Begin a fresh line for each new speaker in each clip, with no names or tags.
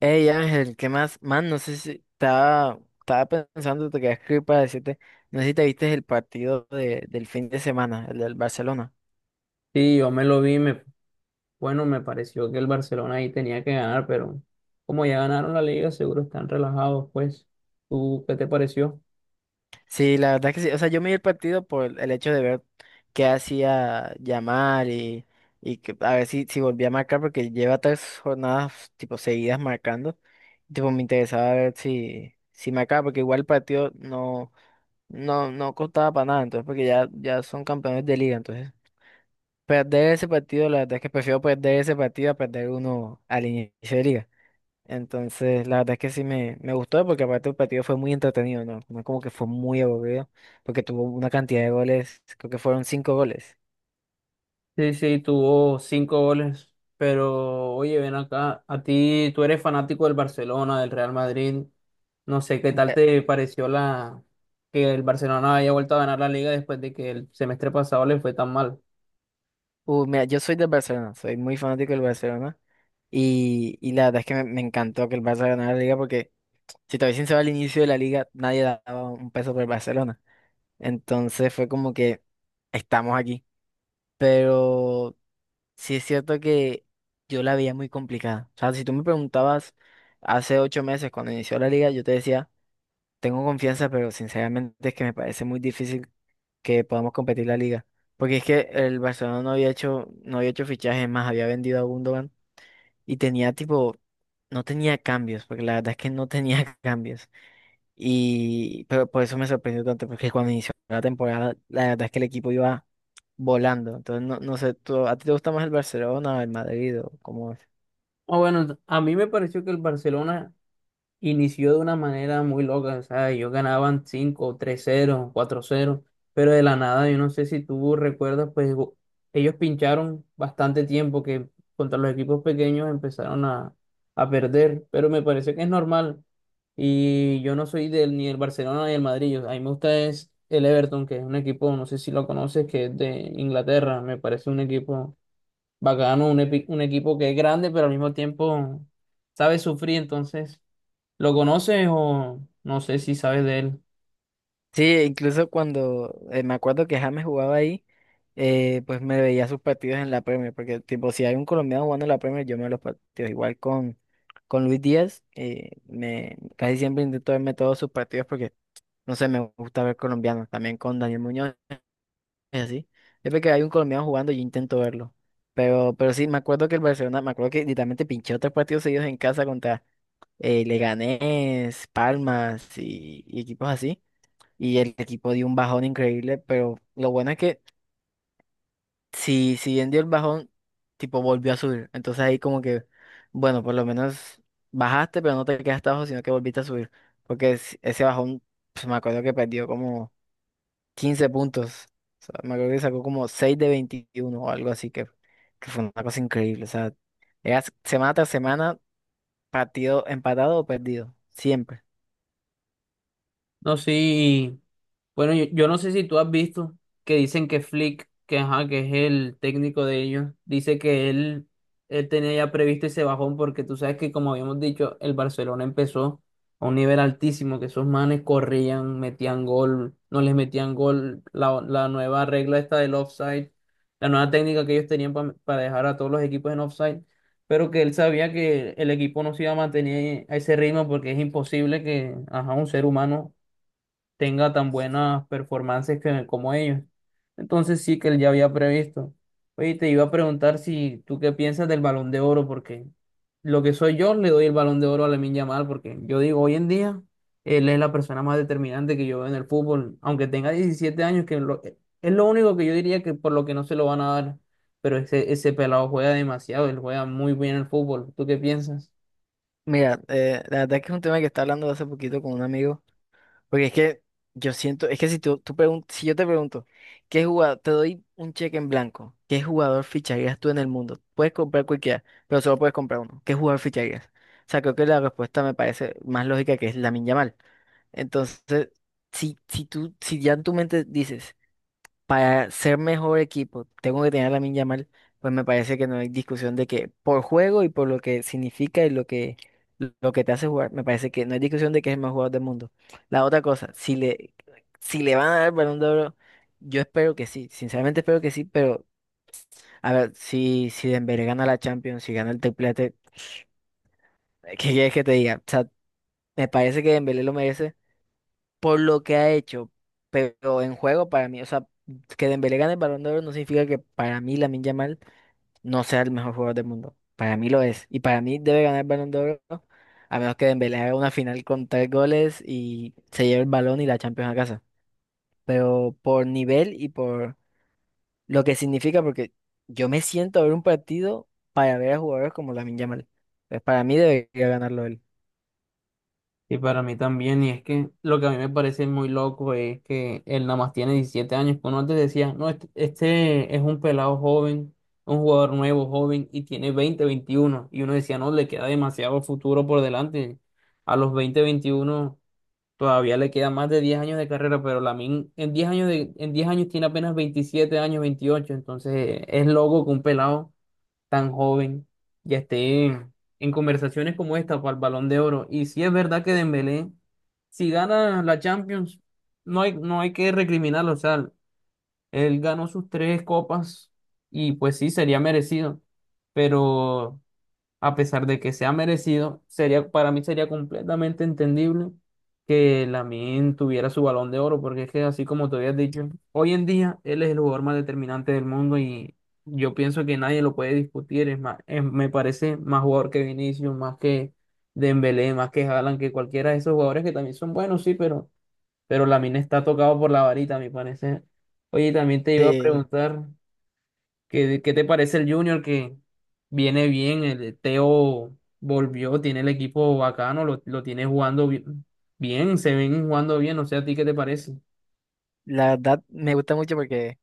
Hey Ángel, ¿qué más? Man, no sé si estaba pensando, te quería escribir para decirte, no sé si te viste el partido del fin de semana, el del Barcelona.
Sí, yo me lo vi, bueno, me pareció que el Barcelona ahí tenía que ganar, pero como ya ganaron la liga, seguro están relajados, pues. ¿Tú qué te pareció?
Sí, la verdad que sí, o sea, yo me vi el partido por el hecho de ver qué hacía Yamal y que, a ver si volvía a marcar, porque lleva tres jornadas tipo seguidas marcando. Tipo, me interesaba ver si marcaba, porque igual el partido no costaba para nada, entonces, porque ya son campeones de liga, entonces. Perder ese partido, la verdad es que prefiero perder ese partido a perder uno al inicio de liga. Entonces, la verdad es que sí me gustó porque aparte el partido fue muy entretenido, ¿no? No como que fue muy aburrido porque tuvo una cantidad de goles, creo que fueron cinco goles.
Sí, sí, tuvo cinco goles, pero oye, ven acá, a ti, tú eres fanático del Barcelona, del Real Madrid, no sé qué tal
Mira,
te pareció la que el Barcelona haya vuelto a ganar la liga después de que el semestre pasado le fue tan mal.
mira, yo soy del Barcelona, soy muy fanático del Barcelona y la verdad es que me encantó que el Barça ganara la liga porque, si te voy sincero, al inicio de la liga nadie daba un peso por el Barcelona. Entonces fue como que estamos aquí. Pero sí es cierto que yo la veía muy complicada. O sea, si tú me preguntabas hace 8 meses cuando inició la liga, yo te decía, tengo confianza, pero sinceramente es que me parece muy difícil que podamos competir la liga. Porque es que el Barcelona no había hecho fichajes más, había vendido a Gundogan y tenía tipo, no tenía cambios, porque la verdad es que no tenía cambios. Y pero por eso me sorprendió tanto, porque cuando inició la temporada, la verdad es que el equipo iba volando. Entonces, no sé, ¿a ti te gusta más el Barcelona, o el Madrid o cómo es?
Ah, bueno, a mí me pareció que el Barcelona inició de una manera muy loca, o sea, ellos ganaban 5, tres cero, cuatro cero, pero de la nada, yo no sé si tú recuerdas, pues ellos pincharon bastante tiempo que contra los equipos pequeños empezaron a perder, pero me parece que es normal. Y yo no soy ni del Barcelona ni del Madrid, a mí me gusta es el Everton, que es un equipo, no sé si lo conoces, que es de Inglaterra, me parece un equipo bacano, un equipo que es grande, pero al mismo tiempo sabe sufrir, entonces ¿lo conoces o no sé si sabes de él?
Sí, incluso cuando me acuerdo que James jugaba ahí, pues me veía sus partidos en la Premier, porque tipo, si hay un colombiano jugando en la Premier, yo me veo los partidos. Igual con Luis Díaz, casi siempre intento verme todos sus partidos porque, no sé, me gusta ver colombianos. También con Daniel Muñoz es así. Siempre que hay un colombiano jugando, yo intento verlo. Pero sí, me acuerdo que el Barcelona, me acuerdo que literalmente pinché otros partidos seguidos en casa contra Leganés, Palmas y equipos así. Y el equipo dio un bajón increíble, pero lo bueno es que si bien dio el bajón, tipo volvió a subir. Entonces ahí como que, bueno, por lo menos bajaste, pero no te quedaste abajo, sino que volviste a subir. Porque ese bajón, pues, me acuerdo que perdió como 15 puntos. O sea, me acuerdo que sacó como 6 de 21 o algo así, que fue una cosa increíble. O sea, era semana tras semana, partido empatado o perdido, siempre.
No, sí. Bueno, yo no sé si tú has visto que dicen que Flick, que, ajá, que es el técnico de ellos, dice que él tenía ya previsto ese bajón, porque tú sabes que, como habíamos dicho, el Barcelona empezó a un nivel altísimo, que esos manes corrían, metían gol, no les metían gol, la nueva regla esta del offside, la nueva técnica que ellos tenían para dejar a todos los equipos en offside, pero que él sabía que el equipo no se iba a mantener a ese ritmo, porque es imposible que, ajá, un ser humano tenga tan buenas performances como ellos. Entonces sí que él ya había previsto. Oye, te iba a preguntar si tú qué piensas del Balón de Oro, porque lo que soy yo le doy el Balón de Oro a Lamine Yamal, porque yo digo, hoy en día él es la persona más determinante que yo veo en el fútbol, aunque tenga 17 años, que es lo único que yo diría que por lo que no se lo van a dar, pero ese pelado juega demasiado, él juega muy bien el fútbol. ¿Tú qué piensas?
Mira, la verdad que es un tema que estaba hablando hace poquito con un amigo, porque es que yo siento, es que si yo te pregunto, ¿qué jugador, te doy un cheque en blanco, ¿qué jugador ficharías tú en el mundo? Puedes comprar cualquiera, pero solo puedes comprar uno. ¿Qué jugador ficharías? O sea, creo que la respuesta me parece más lógica que es Lamine Yamal. Entonces, si ya en tu mente dices para ser mejor equipo, tengo que tener a Lamine Yamal, pues me parece que no hay discusión de que por juego y por lo que significa y lo que te hace jugar, me parece que no hay discusión de que es el mejor jugador del mundo. La otra cosa, si le van a dar el Balón de Oro, yo espero que sí, sinceramente espero que sí, pero a ver, si Dembélé gana la Champions, si gana el triplete, ¿qué quieres que te diga? O sea, me parece que Dembélé lo merece por lo que ha hecho, pero en juego para mí, o sea, que Dembélé gane el Balón de Oro no significa que para mí Lamine Yamal no sea el mejor jugador del mundo. Para mí lo es y para mí debe ganar el Balón de Oro a menos que Dembélé haga una final con tres goles y se lleve el balón y la Champions a casa. Pero por nivel y por lo que significa, porque yo me siento a ver un partido para ver a jugadores como Lamine Yamal. Pues para mí debería ganarlo él.
Y para mí también, y es que lo que a mí me parece muy loco es que él nada más tiene 17 años, que uno antes decía, no, este es un pelado joven, un jugador nuevo joven, y tiene 20, 21 y uno decía, no, le queda demasiado futuro por delante, a los 20, 21 todavía le queda más de 10 años de carrera, pero Lamin en 10 años, en 10 años tiene apenas 27 años, 28, entonces es loco que un pelado tan joven y esté en conversaciones como esta para el Balón de Oro. Y si es verdad que Dembélé, si gana la Champions, no hay que recriminarlo. O sea, él ganó sus tres copas y pues sí, sería merecido. Pero a pesar de que sea merecido, sería, para mí sería completamente entendible que Lamine tuviera su Balón de Oro, porque es que así como te habías dicho, hoy en día él es el jugador más determinante del mundo y yo pienso que nadie lo puede discutir, es más, me parece más jugador que Vinicius, más que Dembélé, más que Haaland, que cualquiera de esos jugadores que también son buenos, sí, pero Lamine está tocado por la varita, a mi parecer. Oye, también te iba a
Sí,
preguntar. ¿Qué, qué te parece el Junior, que viene bien? El Teo volvió, tiene el equipo bacano, lo tiene jugando bien, se ven jugando bien, no sé a ti qué te parece.
la verdad me gusta mucho porque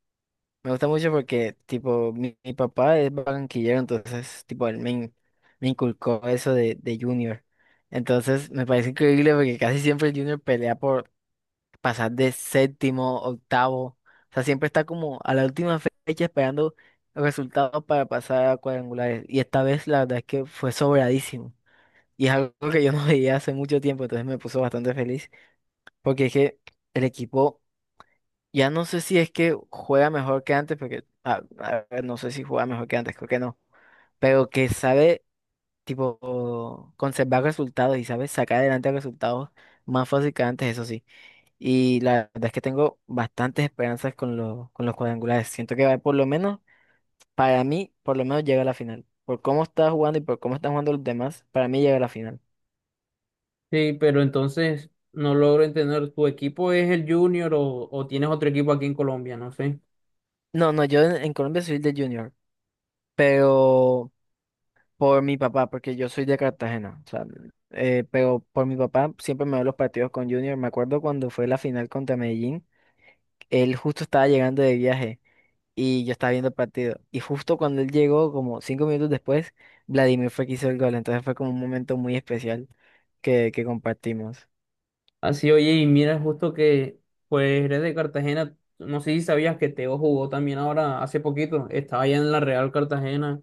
me gusta mucho porque, tipo, mi papá es barranquillero, entonces, tipo, me inculcó eso de Junior. Entonces, me parece increíble porque casi siempre el Junior pelea por pasar de séptimo, octavo. O sea, siempre está como a la última fecha esperando resultados para pasar a cuadrangulares. Y esta vez, la verdad es que fue sobradísimo. Y es algo que yo no veía hace mucho tiempo, entonces me puso bastante feliz. Porque es que el equipo. Ya no sé si es que juega mejor que antes, porque a ver, no sé si juega mejor que antes, creo que no. Pero que sabe, tipo, conservar resultados y sabe sacar adelante resultados más fácil que antes, eso sí. Y la verdad es que tengo bastantes esperanzas con los cuadrangulares. Siento que va, por lo menos, para mí, por lo menos llega a la final. Por cómo está jugando y por cómo están jugando los demás, para mí llega a la final.
Sí, pero entonces no logro entender, ¿tu equipo es el Junior o tienes otro equipo aquí en Colombia? No sé.
No, no, yo en Colombia soy de Junior, pero por mi papá, porque yo soy de Cartagena, o sea, pero por mi papá siempre me veo los partidos con Junior. Me acuerdo cuando fue la final contra Medellín, él justo estaba llegando de viaje y yo estaba viendo el partido. Y justo cuando él llegó, como 5 minutos después, Vladimir fue quien hizo el gol. Entonces fue como un momento muy especial que compartimos.
Así, oye, y mira, justo que pues eres de Cartagena. No sé si sabías que Teo jugó también ahora hace poquito. Estaba allá en la Real Cartagena.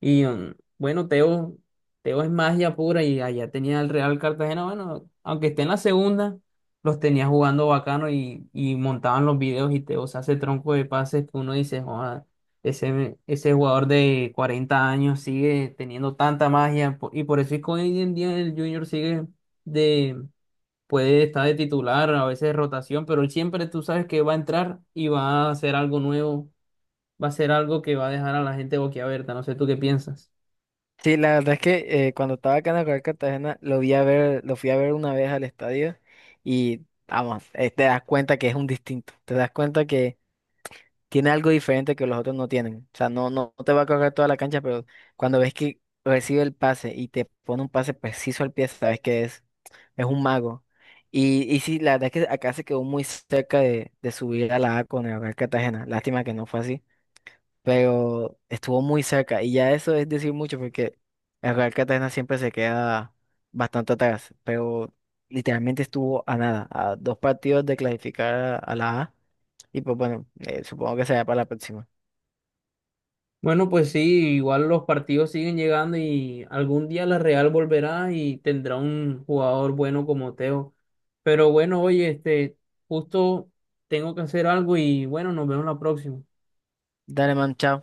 Y bueno, Teo, Teo es magia pura y allá tenía el Real Cartagena. Bueno, aunque esté en la segunda, los tenía jugando bacano y montaban los videos y Teo se hace tronco de pases que uno dice, joda, ese jugador de 40 años sigue teniendo tanta magia. Y por eso es que hoy en día el Junior sigue de puede estar de titular, a veces de rotación, pero él siempre, tú sabes que va a entrar y va a hacer algo nuevo, va a hacer algo que va a dejar a la gente boquiabierta, no sé tú qué piensas.
Sí, la verdad es que cuando estaba acá en la Real Cartagena, lo vi a ver, lo fui a ver una vez al estadio y vamos, te das cuenta que es un distinto. Te das cuenta tiene algo diferente que los otros no tienen. O sea, no te va a correr toda la cancha, pero cuando ves que recibe el pase y te pone un pase preciso al pie, sabes que es un mago. Y sí, la verdad es que acá se quedó muy cerca de subir a la A con el Real Cartagena. Lástima que no fue así, pero estuvo muy cerca. Y ya eso es decir mucho porque el Real Cartagena siempre se queda bastante atrás, pero literalmente estuvo a nada, a dos partidos de clasificar a la A. Y pues bueno, supongo que será para la próxima.
Bueno, pues sí, igual los partidos siguen llegando y algún día la Real volverá y tendrá un jugador bueno como Teo. Pero bueno, oye, este, justo tengo que hacer algo y bueno, nos vemos la próxima.
Dale, man, chao.